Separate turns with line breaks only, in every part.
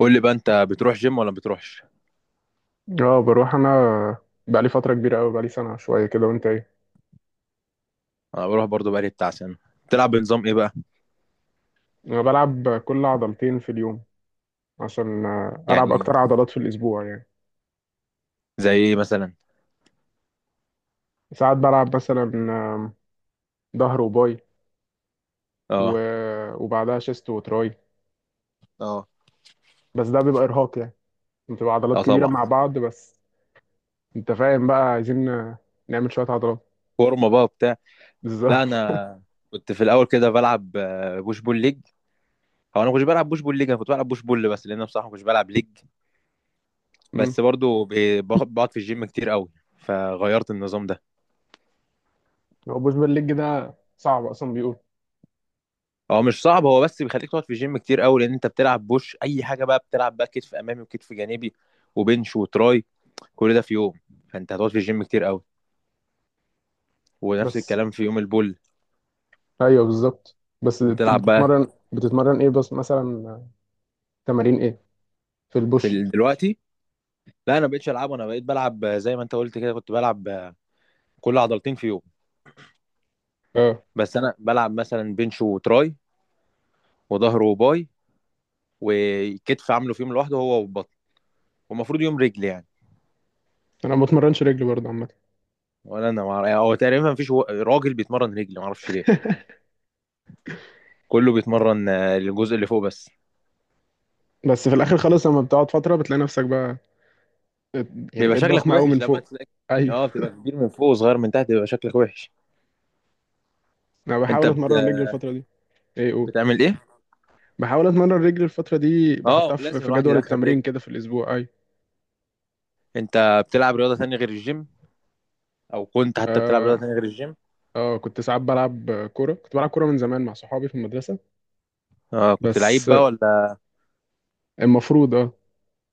قول لي بقى، انت بتروح جيم ولا ما بتروحش؟
اه، بروح انا. بقالي فترة كبيرة قوي، بقالي سنة شوية كده. وانت ايه؟
انا بروح برضو، بقالي بتاع سنه. بتلعب بنظام ايه بقى؟
انا بلعب كل عضلتين في اليوم عشان العب
يعني
اكتر عضلات في الاسبوع، يعني.
زي ايه مثلا؟
ساعات بلعب مثلا ظهر وباي، و...
اه.
وبعدها شيست وتراي.
اه.
بس ده بيبقى ارهاق، يعني بتبقى عضلات
اه،
كبيرة
طبعا.
مع بعض بس. انت فاهم بقى؟ عايزين نعمل شوية عضلات.
فورمه بقى وبتاع. لا،
بالظبط.
انا كنت في الاول كده بلعب بوش بول ليج. هو انا ما كنتش بلعب بوش بول ليج، انا كنت بلعب بوش بول بس، لان أنا بصراحه ما كنتش بلعب ليج.
مم.
بس برضو بقعد في الجيم كتير قوي، فغيرت النظام ده.
هو بوش بالليج ده صعب اصلا، بيقول؟
هو مش صعب، هو بس بيخليك تقعد في الجيم كتير قوي لان انت بتلعب بوش اي حاجه بقى، بتلعب بقى كتف امامي وكتف جانبي وبنش وتراي، كل ده في يوم، فانت هتقعد في الجيم كتير قوي. ونفس
بس
الكلام في يوم البول.
ايوه بالظبط. بس بت-
بتلعب بقى
بتتمرن بتتمرن ايه بس مثلا؟ آه، تمارين ايه في البوش؟
دلوقتي؟ لا، انا بقيتش العبه، انا بقيت بلعب زي ما انت قلت كده، كنت بلعب كل عضلتين في يوم،
اه،
بس انا بلعب مثلا بنش وتراي، وظهر وباي، وكتف عامله في يوم لوحده هو والبطن، ومفروض يوم رجل يعني.
انا ما بتمرنش رجل برضه عامه.
ولا انا هو تقريبا مفيش راجل بيتمرن رجل، ما اعرفش ليه. كله بيتمرن الجزء اللي فوق بس.
بس في الاخر خالص لما بتقعد فتره بتلاقي نفسك بقى، يعني
بيبقى
بقيت
شكلك
ضخمه قوي من
وحش لما
فوق.
تلاقي.
ايوه.
اه، بتبقى كبير من فوق وصغير من تحت، بيبقى شكلك وحش.
انا
انت
بحاول
بت...
اتمرن رجل الفتره دي. ايه؟ قول.
بتعمل ايه؟
بحاول اتمرن رجل الفتره دي،
اه،
بحطها في
لازم
في
الواحد
جدول
يدخل رجل.
التمرين كده في الاسبوع، ايوه.
انت بتلعب رياضة تانية غير الجيم؟ او كنت حتى بتلعب رياضه
اه.
تانية غير الجيم؟
اه كنت ساعات بلعب كوره، كنت بلعب كوره من زمان مع صحابي في المدرسه.
اه، كنت
بس
لعيب بقى ولا؟
المفروض اه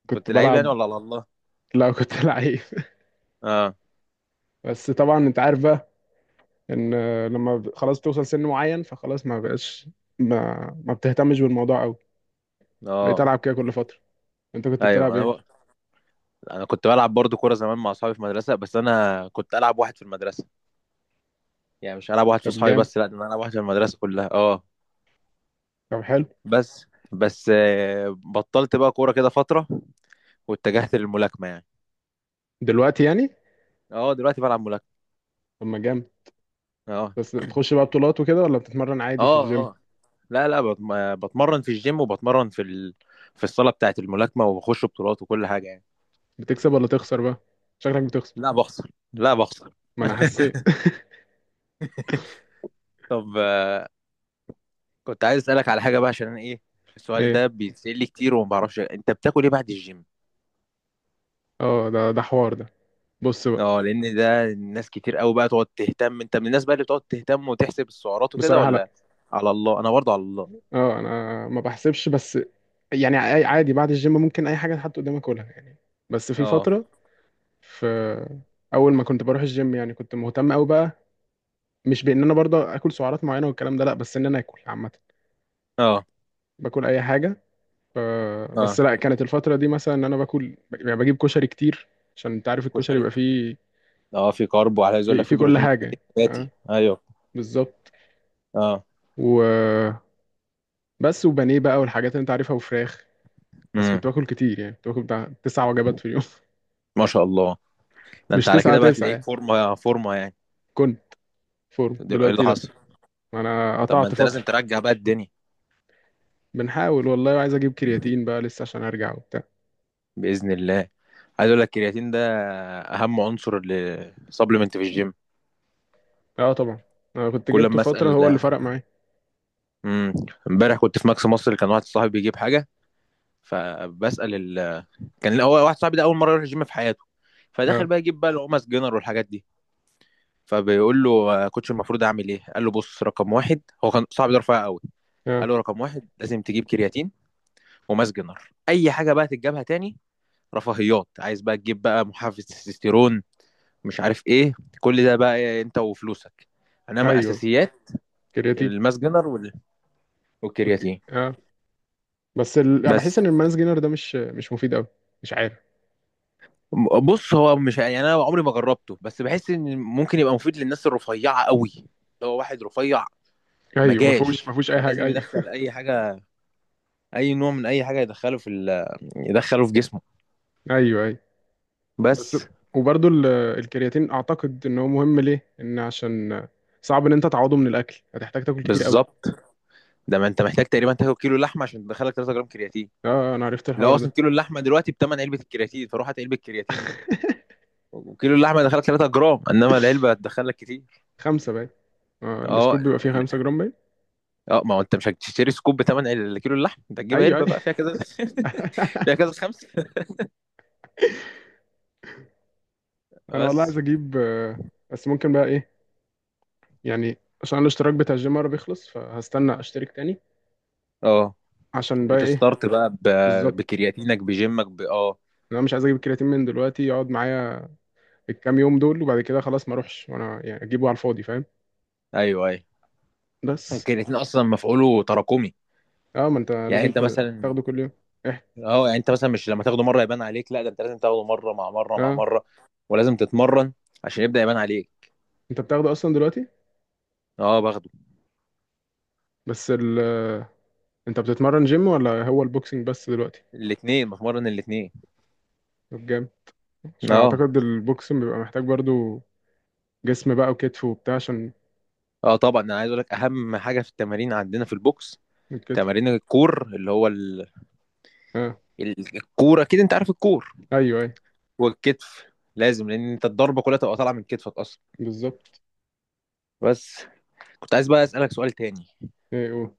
كنت
كنت لعيب يعني،
بلعب.
ولا على الله؟
لا كنت لعيب.
اه.
بس طبعا انت عارف بقى، ان لما خلاص توصل سن معين فخلاص ما بقاش. ما بتهتمش بالموضوع قوي. بقيت
اه.
العب كده كل فتره. انت كنت
ايوه.
بتلعب ايه؟
انا كنت بلعب برضو كوره زمان مع اصحابي في المدرسه، بس انا كنت العب واحد في المدرسه. يعني مش العب واحد في
طب
اصحابي
جامد،
بس، لا، ده انا العب واحد في المدرسه كلها. اه.
طب حلو.
بس بس بطلت بقى كوره كده فتره، واتجهت للملاكمه يعني.
دلوقتي يعني؟
اه، دلوقتي بلعب ملاكمه.
طب ما جامد.
اه
بس تخش بقى بطولات وكده، ولا بتتمرن عادي في
اه.
الجيم؟
اه. لا، لا، بتمرن في الجيم، وبتمرن في الصاله بتاعه الملاكمه، وبخش بطولات وكل حاجه يعني.
بتكسب ولا تخسر بقى؟ شكلك بتخسر.
لا، بخسر، لا، بخسر.
ما انا حسيت.
طب، كنت عايز اسالك على حاجه بقى عشان انا ايه. السؤال
ايه؟
ده بيتسال لي كتير، وما بعرفش انت بتاكل ايه بعد الجيم.
اه، ده حوار ده، بص بقى.
اه، لان ده الناس كتير قوي بقى تقعد تهتم. انت من الناس بقى اللي بتقعد تهتم وتحسب السعرات وكده
بصراحة لا.
ولا؟ على الله، انا برضه على الله.
اه انا ما بحسبش، بس يعني عادي بعد الجيم ممكن اي حاجة تحط قدامك كلها، يعني. بس في
اه.
فترة، في اول ما كنت بروح الجيم يعني كنت مهتم قوي بقى. مش بان انا برضه اكل سعرات معينة والكلام ده لا، بس ان انا اكل عامة،
اه.
باكل اي حاجة. ف- بس
اه.
لا، كانت الفترة دي مثلا ان انا باكل، يعني بجيب كشري كتير. عشان انت عارف الكشري
كشري.
بيبقى فيه
اه، في كارب، وعلى عايز اقول
في,
لك في
في كل
بروتين
حاجة.
كتير
اه،
نباتي، ايوه.
بالظبط.
اه.
وبس، وبانيه بقى والحاجات اللي انت عارفها وفراخ. بس كنت
امم.
باكل كتير، يعني كنت باكل بتاع تسع وجبات في اليوم.
ما شاء الله. ده انت
مش
على
تسعة
كده بقى
تسعة
تلاقيك
يعني.
فورمه فورمه يعني.
كنت. فورم
ايه اللي
دلوقتي لا،
حصل؟
انا
طب ما
قطعت
انت
فترة.
لازم ترجع بقى الدنيا.
بنحاول والله، وعايز اجيب كرياتين بقى لسه عشان ارجع وبتاع.
باذن الله. عايز اقول لك الكرياتين ده اهم عنصر لسبلمنت في الجيم.
اه طبعا، انا كنت
كل
جبته
ما
فترة
اسال.
هو اللي فرق معايا.
امم. امبارح كنت في ماكس مصر، كان واحد صاحبي بيجيب حاجه، فبسال ال... كان هو واحد صاحبي ده اول مره يروح الجيم في حياته،
اه.
فداخل بقى يجيب بقى القمص جنر والحاجات دي، فبيقول له: كوتش، المفروض اعمل ايه؟ قال له: بص، رقم واحد، هو كان صاحبي ده رفيع قوي،
اه
قال له رقم واحد لازم تجيب كرياتين، وماس جنر، اي حاجه بقى تتجابها تاني، رفاهيات، عايز بقى تجيب بقى محفز تستوستيرون، مش عارف ايه، كل ده بقى انت وفلوسك. انما
ايوه
اساسيات:
كرياتين.
الماس جنر وال-
اوكي
والكرياتين.
اه. بس يعني
بس،
بحس ان المانس جينر ده مش مفيد قوي. مش عارف.
بص، هو مش يعني، انا عمري ما جربته، بس بحس ان ممكن يبقى مفيد للناس الرفيعه قوي، اللي هو واحد رفيع ما
ايوه، ما فيهوش
جاش،
ما فيهوش اي حاجه،
فلازم
ايوه.
يدخل اي حاجه، اي نوع من اي حاجه، يدخله في جسمه.
ايوه ايوه. بس
بس.
وبرضو الكرياتين اعتقد ان هو مهم ليه، ان عشان صعب ان انت تعوضه من الاكل، هتحتاج تاكل كتير قوي.
بالظبط. ده ما انت محتاج تقريبا تاكل كيلو لحمه عشان تدخلك 3 جرام كرياتين،
اه انا عرفت
اللي هو
الحوار
اصلا
ده.
كيلو اللحمه دلوقتي بتمن علبه الكرياتين، فروح هات علبه كرياتين بقى. وكيلو اللحمه يدخلك 3 جرام، انما العلبه هتدخلك كتير.
خمسة باين. آه
اه.
السكوب بيبقى فيه 5 جرام باين.
اه، ما هو انت مش هتشتري سكوب بتمن الكيلو اللحم، انت هتجيب
ايوه
علبه
ايوه.
بقى فيها كذا، فيها كذا خمسه.
انا والله عايز
بس.
اجيب بس ممكن بقى ايه يعني، عشان الاشتراك بتاع الجيم مرة بيخلص، فهستنى اشترك تاني
اه،
عشان بقى ايه.
وتستارت بقى
بالظبط.
بكرياتينك بجيمك اه.
انا مش عايز اجيب الكرياتين من دلوقتي يقعد معايا الكام يوم دول، وبعد كده خلاص ما اروحش وانا يعني اجيبه على الفاضي، فاهم؟
ايوه، ايوه.
بس
الكرياتين اصلا مفعوله تراكمي،
اه، ما انت
يعني
لازم
انت مثلا،
تاخده كل يوم. احكي.
اه، يعني انت مثلا مش لما تاخده مره يبان عليك، لا، ده انت لازم تاخده مره مع مره مع
اه.
مره، ولازم تتمرن عشان يبدا يبان عليك.
انت بتاخده اصلا دلوقتي؟
اه، باخده.
بس انت بتتمرن جيم ولا هو البوكسنج بس دلوقتي؟
الاثنين، بتمرن الاثنين.
طب جامد. عشان
اه.
اعتقد البوكسنج بيبقى محتاج برضو جسم بقى وكتف وبتاع، عشان
اه، طبعا. انا عايز اقول لك اهم حاجه في التمارين عندنا في البوكس:
الكتف.
تمارين الكور، اللي هو
اه.
الكوره كده، انت عارف الكور،
ايوه ايوه
والكتف، لازم، لان انت الضربه كلها تبقى طالعه من كتفك اصلا.
بالظبط.
بس. كنت عايز بقى اسالك سؤال تاني.
ايه؟ قول.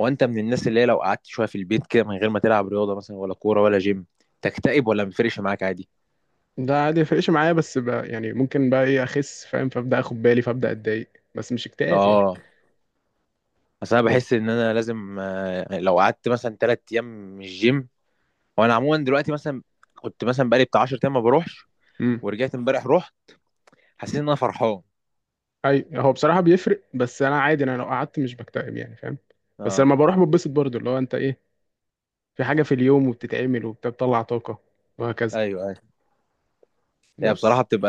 هو انت من الناس اللي هي لو قعدت شويه في البيت كده من غير ما تلعب رياضه مثلا، ولا كوره ولا جيم، تكتئب ولا مفرقش معاك عادي؟
ده عادي يفرقش معايا، بس بقى يعني ممكن بقى ايه، اخس فاهم، فابدا اخد بالي فابدا اتضايق، بس مش اكتئاب
اه. اصل انا بحس ان انا لازم، لو قعدت مثلا 3 ايام مش جيم. وانا عموما دلوقتي مثلا، كنت مثلا بقالي بتاع 10 ايام ما بروحش،
يعني.
ورجعت امبارح رحت، حسيت ان انا فرحان.
اي، هو بصراحه بيفرق، بس انا عادي، انا لو قعدت مش بكتئب يعني، فاهم. بس
اه.
لما بروح بتبسط برضو، اللي هو انت ايه، في حاجه في اليوم وبتتعمل وبتطلع طاقه، وهكذا.
ايوه، ايوه. هي
بس.
بصراحه بتبقى،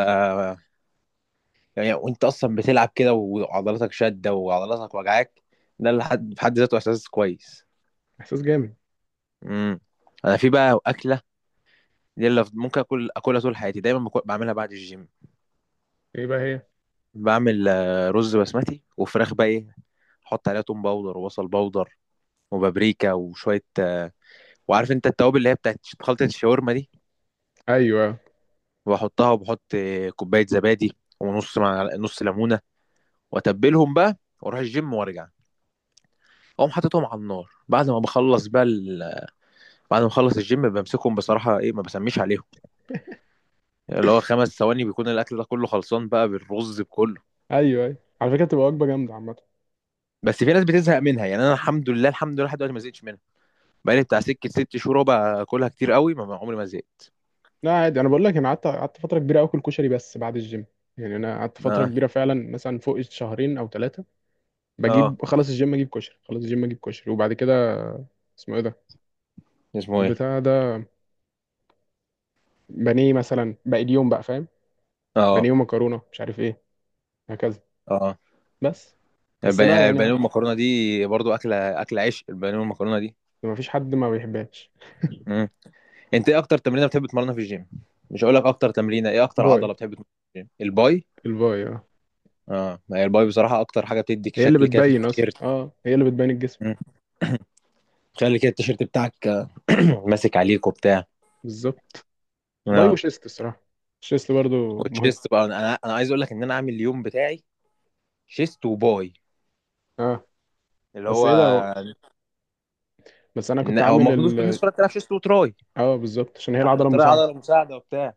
يعني وانت اصلا بتلعب كده وعضلاتك شاده وعضلاتك وجعاك، ده اللي حد في حد ذاته احساس كويس.
احساس جامد.
امم. انا في بقى اكله دي اللي ممكن اكل اكلها طول حياتي، دايما بعملها بعد الجيم.
ايه بقى هي؟
بعمل رز بسمتي وفراخ بقى، ايه، احط عليها توم باودر وبصل باودر، وبابريكا وشويه، وعارف انت التوابل اللي هي بتاعت خلطه الشاورما دي،
ايوه
وبحطها، وبحط كوبايه زبادي، ونص مع نص ليمونه، واتبلهم بقى، واروح الجيم وارجع. اقوم حاططهم على النار بعد ما بخلص بقى. بعد ما اخلص الجيم بمسكهم، بصراحه ايه، ما بسميش عليهم، يعني اللي هو 5 ثواني بيكون الاكل ده كله خلصان بقى بالرز بكله.
ايوه ايوه، على فكره تبقى وجبه جامده عامه.
بس في ناس بتزهق منها، يعني انا، الحمد لله، الحمد لله، لحد دلوقتي ما زهقتش منها. بقالي بتاع سكه 6 شهور بقى اكلها كتير قوي، ما عمري ما زهقت.
لا عادي، انا بقول لك انا قعدت فتره كبيره اكل كشري بس بعد الجيم. يعني انا قعدت فتره
اه.
كبيره فعلا، مثلا فوق شهرين او ثلاثه.
اه،
بجيب، خلاص الجيم اجيب كشري، خلاص الجيم اجيب كشري، وبعد كده. اسمه ايه ده؟
اسمه ايه؟
البتاع ده، بانيه مثلا باقي اليوم بقى، فاهم.
اه.
بانيه ومكرونه مش عارف ايه، هكذا.
اه.
بس بس لا
البانيه
يعني.
والمكرونه دي برضو اكله، اكله عشق البانيه والمكرونه دي.
ما فيش حد ما بيحبهاش.
مم. انت ايه اكتر تمرينه بتحب تمرنها في الجيم؟ مش هقول لك اكتر تمرينه ايه، اكتر
باي.
عضله بتحب تمرنها في الجيم؟ الباي.
الباي، اه.
اه، ما هي الباي بصراحه اكتر حاجه بتديك
هي اللي
شكل كده في
بتبين اصلا،
التيشيرت،
اه هي اللي بتبين الجسم.
خلي كده التيشيرت بتاعك ماسك عليك وبتاع.
بالظبط. باي
اه،
وشيست الصراحه، الشيست برضو مهم.
والشيست بقى، انا عايز اقول لك ان انا عامل اليوم بتاعي شيست وباي،
اه.
اللي
بس
هو،
ايه ده هو، بس انا كنت
هو
عامل
المفروض كل الناس كلها بتلعب شيست وتراي
اه بالظبط، عشان هي
عشان
العضله
التراي
المساعده.
عضله مساعده وبتاع.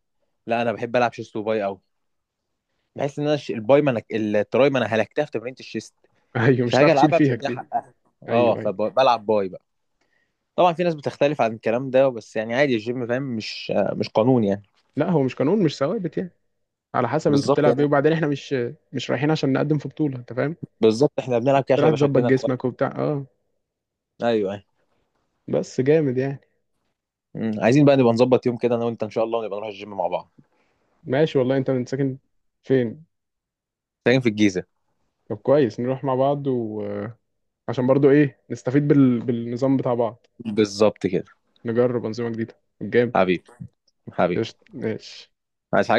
لا، انا بحب العب شيست وباي قوي، بحس ان انا الباي، ما انا التراي، ما انا هلكتها في تمرينه الشيست،
ايوه، مش
فهاجي
هتعرف تشيل
العبها مش
فيها
هديها
كتير.
حقها. اه،
ايوه ايوه.
فبلعب باي بقى. طبعا في ناس بتختلف عن الكلام ده، بس يعني عادي، الجيم فاهم، مش قانون يعني.
لا هو مش قانون، مش ثوابت يعني، على حسب انت
بالظبط
بتلعب ايه.
يعني.
وبعدين احنا مش رايحين عشان نقدم في بطوله، انت فاهم.
بالظبط، احنا بنلعب كده عشان
رايح
يبقى
تظبط
شكلنا
جسمك
كويس.
وبتاع، اه.
ايوه.
بس جامد يعني.
مم. عايزين بقى نبقى نظبط يوم كده انا وانت ان شاء الله، ونبقى نروح الجيم مع بعض.
ماشي والله. انت من ساكن فين؟
تمرين في الجيزة.
طب كويس، نروح مع بعض وعشان برضو ايه نستفيد بالنظام بتاع بعض.
بالظبط كده.
نجرب أنظمة جديدة. جامد.
حبيبي. حبيبي.
قشطة ماشي.
عايز حاجة؟